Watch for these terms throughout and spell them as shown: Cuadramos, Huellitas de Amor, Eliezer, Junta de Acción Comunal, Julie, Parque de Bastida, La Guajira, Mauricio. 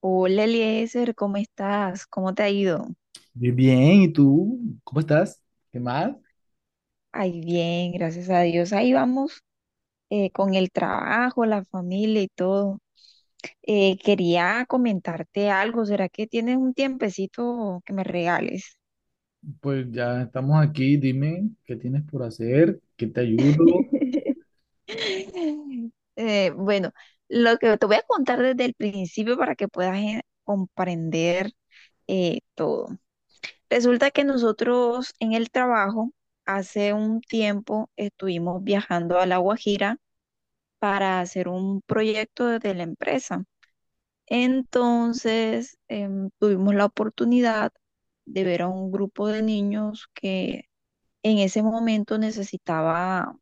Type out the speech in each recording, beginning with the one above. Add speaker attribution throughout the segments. Speaker 1: Hola Eliezer, ¿cómo estás? ¿Cómo te ha ido?
Speaker 2: Bien, bien, ¿y tú? ¿Cómo estás? ¿Qué más?
Speaker 1: Ay, bien, gracias a Dios. Ahí vamos con el trabajo, la familia y todo. Quería comentarte algo. ¿Será que tienes un tiempecito que me regales?
Speaker 2: Pues ya estamos aquí, dime qué tienes por hacer, qué te ayudo.
Speaker 1: Bueno, lo que te voy a contar desde el principio para que puedas comprender todo. Resulta que nosotros en el trabajo hace un tiempo estuvimos viajando a La Guajira para hacer un proyecto de la empresa. Entonces, tuvimos la oportunidad de ver a un grupo de niños que en ese momento necesitaba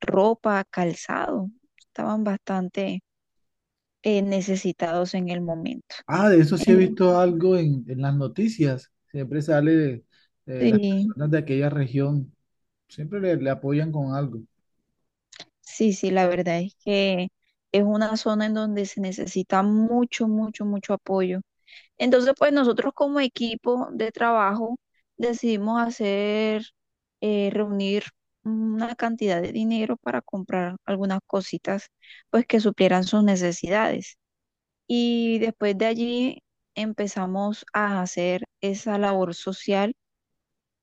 Speaker 1: ropa, calzado, estaban bastante necesitados en el momento.
Speaker 2: Ah, de eso sí he
Speaker 1: En-
Speaker 2: visto algo en las noticias, siempre sale las
Speaker 1: sí,
Speaker 2: personas de aquella región, siempre le apoyan con algo.
Speaker 1: sí, sí, la verdad es que es una zona en donde se necesita mucho, mucho, mucho apoyo. Entonces, pues nosotros como equipo de trabajo decidimos reunir una cantidad de dinero para comprar algunas cositas, pues que suplieran sus necesidades. Y después de allí empezamos a hacer esa labor social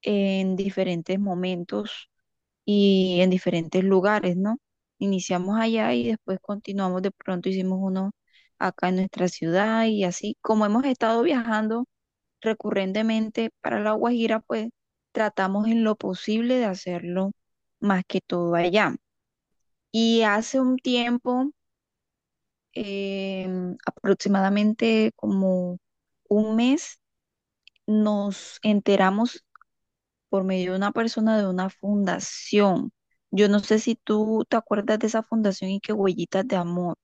Speaker 1: en diferentes momentos y en diferentes lugares, ¿no? Iniciamos allá y después continuamos, de pronto hicimos uno acá en nuestra ciudad y así como hemos estado viajando recurrentemente para La Guajira, pues tratamos en lo posible de hacerlo más que todo allá. Y hace un tiempo, eh, aproximadamente como un mes, nos enteramos por medio de una persona de una fundación. Yo no sé si tú te acuerdas de esa fundación y que Huellitas de Amor.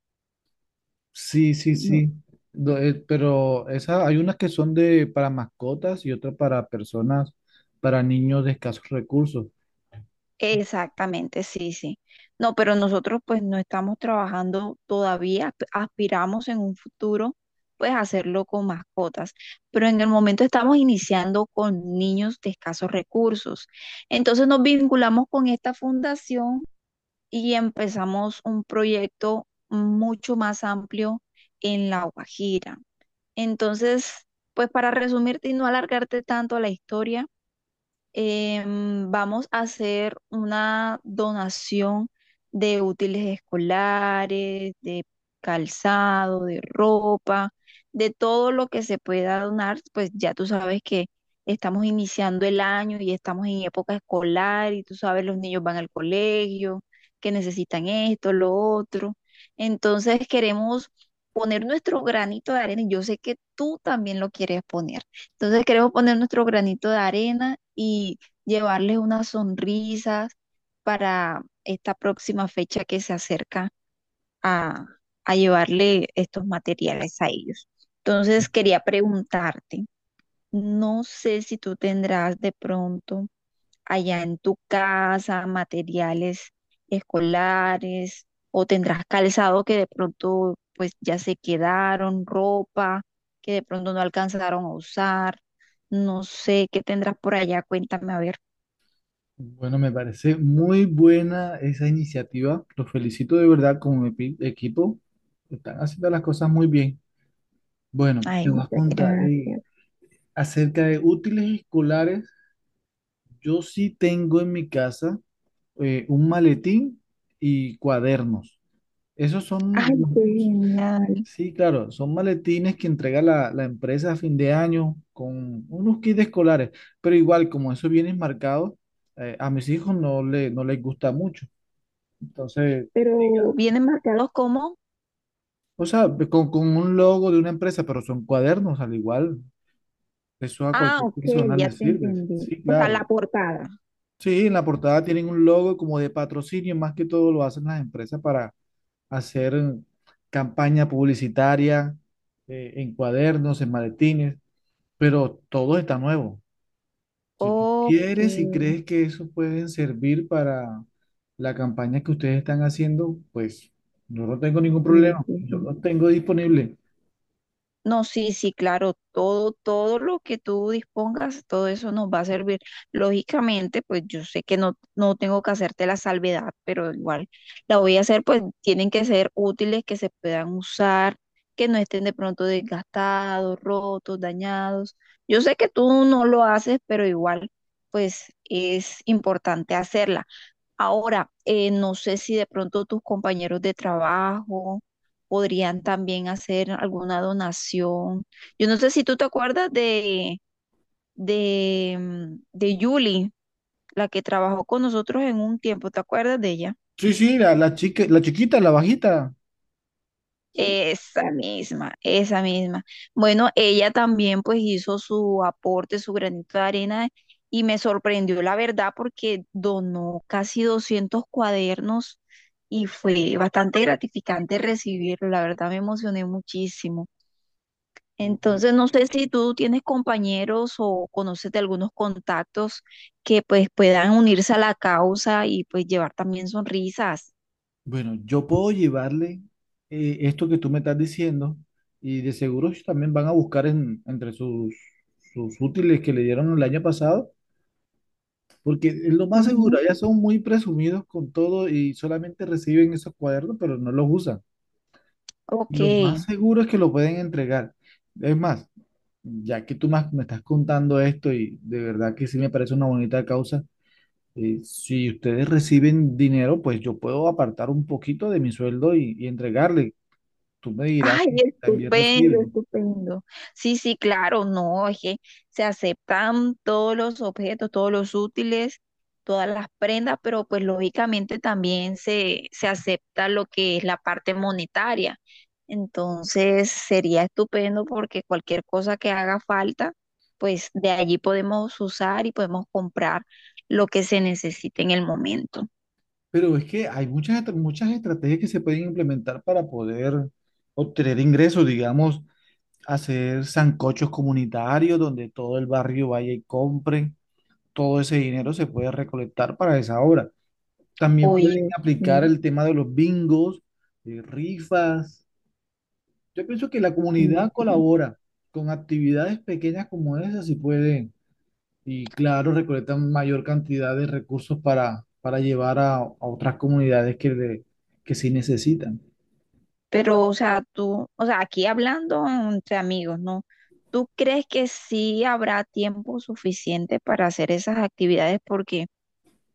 Speaker 2: Sí, sí,
Speaker 1: ¿No?
Speaker 2: sí. Pero esas, hay unas que son de, para mascotas y otras para personas, para niños de escasos recursos.
Speaker 1: Exactamente, sí, sí. No, pero nosotros pues no estamos trabajando todavía, aspiramos en un futuro pues hacerlo con mascotas, pero en el momento estamos iniciando con niños de escasos recursos. Entonces nos vinculamos con esta fundación y empezamos un proyecto mucho más amplio en La Guajira. Entonces, pues para resumirte y no alargarte tanto la historia, vamos a hacer una donación de útiles escolares, de calzado, de ropa, de todo lo que se pueda donar, pues ya tú sabes que estamos iniciando el año y estamos en época escolar y tú sabes, los niños van al colegio, que necesitan esto, lo otro. Entonces queremos poner nuestro granito de arena y yo sé que tú también lo quieres poner. Entonces queremos poner nuestro granito de arena y llevarles unas sonrisas para esta próxima fecha que se acerca a, a llevarle estos materiales a ellos. Entonces quería preguntarte, no sé si tú tendrás de pronto allá en tu casa, materiales escolares, o tendrás calzado que de pronto pues ya se quedaron, ropa que de pronto no alcanzaron a usar, no sé qué tendrás por allá, cuéntame a ver.
Speaker 2: Bueno, me parece muy buena esa iniciativa. Los felicito de verdad como mi equipo. Están haciendo las cosas muy bien. Bueno,
Speaker 1: Ay,
Speaker 2: te voy a
Speaker 1: muchas
Speaker 2: contar
Speaker 1: gracias.
Speaker 2: acerca de útiles escolares. Yo sí tengo en mi casa un maletín y cuadernos. Esos son,
Speaker 1: Ay,
Speaker 2: los-
Speaker 1: qué genial.
Speaker 2: sí, claro, son maletines que entrega la empresa a fin de año con unos kits escolares. Pero igual, como esos vienen marcados, a mis hijos no les gusta mucho. Entonces,
Speaker 1: Pero, ¿vienen marcados como,
Speaker 2: o sea, con un logo de una empresa, pero son cuadernos al igual. Eso a
Speaker 1: ah,
Speaker 2: cualquier
Speaker 1: ok,
Speaker 2: profesional
Speaker 1: ya
Speaker 2: le
Speaker 1: te
Speaker 2: sirve.
Speaker 1: entendí,
Speaker 2: Sí,
Speaker 1: o sea, la
Speaker 2: claro.
Speaker 1: portada.
Speaker 2: Sí, en la portada tienen un logo como de patrocinio, más que todo lo hacen las empresas para hacer campaña publicitaria, en cuadernos, en maletines, pero todo está nuevo. Si tú
Speaker 1: Ok.
Speaker 2: quieres y crees que eso pueden servir para la campaña que ustedes están haciendo, pues yo no tengo ningún
Speaker 1: Sí,
Speaker 2: problema.
Speaker 1: sí,
Speaker 2: Yo
Speaker 1: sí.
Speaker 2: lo tengo disponible.
Speaker 1: No, sí, sí, claro, todo, todo lo que tú dispongas, todo eso nos va a servir. Lógicamente, pues yo sé que no, no tengo que hacerte la salvedad, pero igual la voy a hacer, pues tienen que ser útiles, que se puedan usar, que no estén de pronto desgastados, rotos, dañados. Yo sé que tú no lo haces, pero igual, pues es importante hacerla. Ahora, no sé si de pronto tus compañeros de trabajo podrían también hacer alguna donación. Yo no sé si tú te acuerdas de Julie, la que trabajó con nosotros en un tiempo, ¿te acuerdas de ella?
Speaker 2: Sí, sí, la chica, la chiquita, la bajita, ¿sí?
Speaker 1: Esa misma, esa misma. Bueno, ella también pues hizo su aporte, su granito de arena y me sorprendió la verdad porque donó casi 200 cuadernos y fue bastante gratificante recibirlo. La verdad me emocioné muchísimo.
Speaker 2: Ujú.
Speaker 1: Entonces, no sé si tú tienes compañeros o conoces de algunos contactos que pues puedan unirse a la causa y pues llevar también sonrisas.
Speaker 2: Bueno, yo puedo llevarle esto que tú me estás diciendo y de seguro ellos también van a buscar entre sus, sus útiles que le dieron el año pasado, porque es lo más seguro,
Speaker 1: Ujú.
Speaker 2: ya son muy presumidos con todo y solamente reciben esos cuadernos, pero no los usan.
Speaker 1: Ok.
Speaker 2: Lo más seguro es que lo pueden entregar. Es más, ya que tú más me estás contando esto y de verdad que sí me parece una bonita causa, eh, si ustedes reciben dinero, pues yo puedo apartar un poquito de mi sueldo y entregarle. Tú me dirás,
Speaker 1: Ay,
Speaker 2: si también
Speaker 1: estupendo,
Speaker 2: reciben.
Speaker 1: estupendo. Sí, sí, claro, no, es que se aceptan todos los objetos, todos los útiles, todas las prendas, pero pues lógicamente también se acepta lo que es la parte monetaria. Entonces sería estupendo porque cualquier cosa que haga falta, pues de allí podemos usar y podemos comprar lo que se necesite en el momento.
Speaker 2: Pero es que hay muchas, muchas estrategias que se pueden implementar para poder obtener ingresos, digamos, hacer sancochos comunitarios donde todo el barrio vaya y compre. Todo ese dinero se puede recolectar para esa obra. También pueden
Speaker 1: Oye, sí,
Speaker 2: aplicar el tema de los bingos, rifas. Yo pienso que la
Speaker 1: sí,
Speaker 2: comunidad
Speaker 1: sí.
Speaker 2: colabora con actividades pequeñas como esas, si pueden, y claro, recolectan mayor cantidad de recursos para llevar a otras comunidades que, que sí necesitan.
Speaker 1: Pero, o sea, tú, o sea, aquí hablando entre amigos, ¿no? ¿Tú crees que sí habrá tiempo suficiente para hacer esas actividades? Porque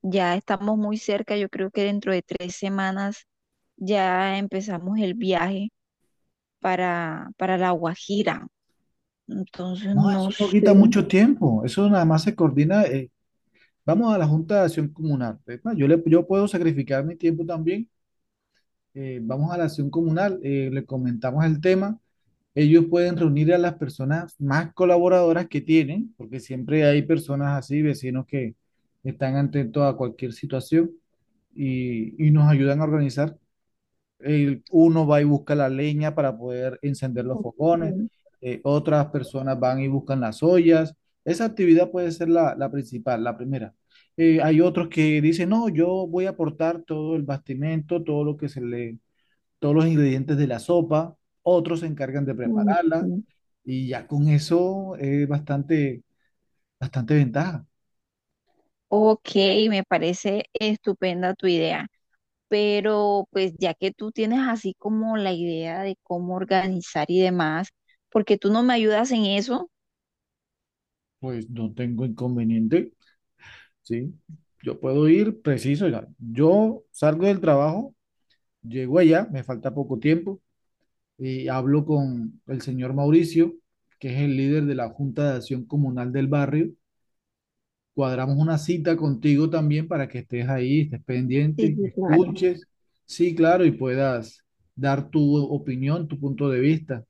Speaker 1: ya estamos muy cerca, yo creo que dentro de 3 semanas ya empezamos el viaje para La Guajira. Entonces,
Speaker 2: No,
Speaker 1: no
Speaker 2: eso no
Speaker 1: sé.
Speaker 2: quita mucho tiempo, eso nada más se coordina. Vamos a la Junta de Acción Comunal. Es más, yo puedo sacrificar mi tiempo también. Vamos a la acción comunal, le comentamos el tema. Ellos pueden reunir a las personas más colaboradoras que tienen, porque siempre hay personas así, vecinos que están atentos a cualquier situación y nos ayudan a organizar. Uno va y busca la leña para poder encender los
Speaker 1: Ok,
Speaker 2: fogones, otras personas van y buscan las ollas. Esa actividad puede ser la principal, la primera. Hay otros que dicen, no, yo voy a aportar todo el bastimento, todo lo que se le, todos los ingredientes de la sopa, otros se encargan de prepararla
Speaker 1: ok,
Speaker 2: y ya con eso es bastante, bastante ventaja.
Speaker 1: ok, me parece estupenda tu idea. Pero pues ya que tú tienes así como la idea de cómo organizar y demás, porque tú no me ayudas en eso.
Speaker 2: Pues no tengo inconveniente, ¿sí? Yo puedo ir preciso, ya. Yo salgo del trabajo, llego allá, me falta poco tiempo y hablo con el señor Mauricio, que es el líder de la Junta de Acción Comunal del barrio. Cuadramos una cita contigo también para que estés ahí, estés
Speaker 1: Sí,
Speaker 2: pendiente,
Speaker 1: sí, claro.
Speaker 2: escuches, sí, claro, y puedas dar tu opinión, tu punto de vista.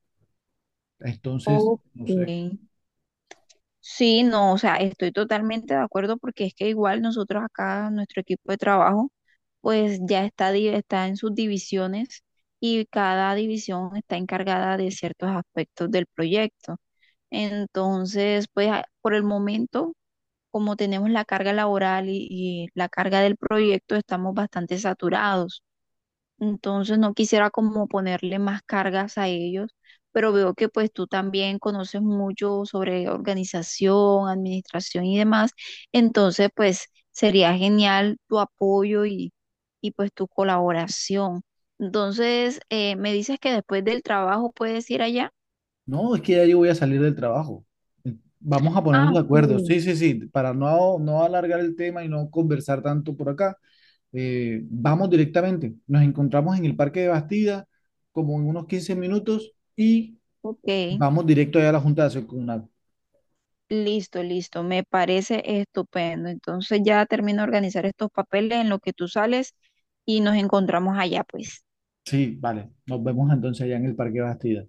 Speaker 2: Entonces,
Speaker 1: Ok.
Speaker 2: no sé.
Speaker 1: Sí, no, o sea, estoy totalmente de acuerdo porque es que igual nosotros acá, nuestro equipo de trabajo, pues ya está, está en sus divisiones y cada división está encargada de ciertos aspectos del proyecto. Entonces, pues por el momento como tenemos la carga laboral y la carga del proyecto, estamos bastante saturados. Entonces no quisiera como ponerle más cargas a ellos, pero veo que pues tú también conoces mucho sobre organización, administración y demás. Entonces pues sería genial tu apoyo y pues tu colaboración. Entonces me dices que después del trabajo puedes ir allá.
Speaker 2: No, es que ya yo voy a salir del trabajo. Vamos a ponernos
Speaker 1: Ah,
Speaker 2: de acuerdo. Sí, sí, sí, para no alargar el tema y no conversar tanto por acá, vamos directamente. Nos encontramos en el Parque de Bastida como en unos 15 minutos y
Speaker 1: ok.
Speaker 2: vamos directo allá a la Junta de Acción Comunal.
Speaker 1: Listo, listo, me parece estupendo. Entonces ya termino de organizar estos papeles en lo que tú sales y nos encontramos allá, pues.
Speaker 2: Sí, vale. Nos vemos entonces allá en el Parque de Bastida.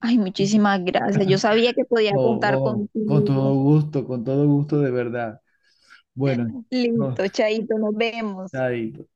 Speaker 1: Ay,
Speaker 2: Oh,
Speaker 1: muchísimas gracias. Yo sabía que podía contar
Speaker 2: oh,
Speaker 1: contigo.
Speaker 2: con todo gusto de verdad. Bueno, no,
Speaker 1: Listo, Chaito, nos vemos.
Speaker 2: chaito.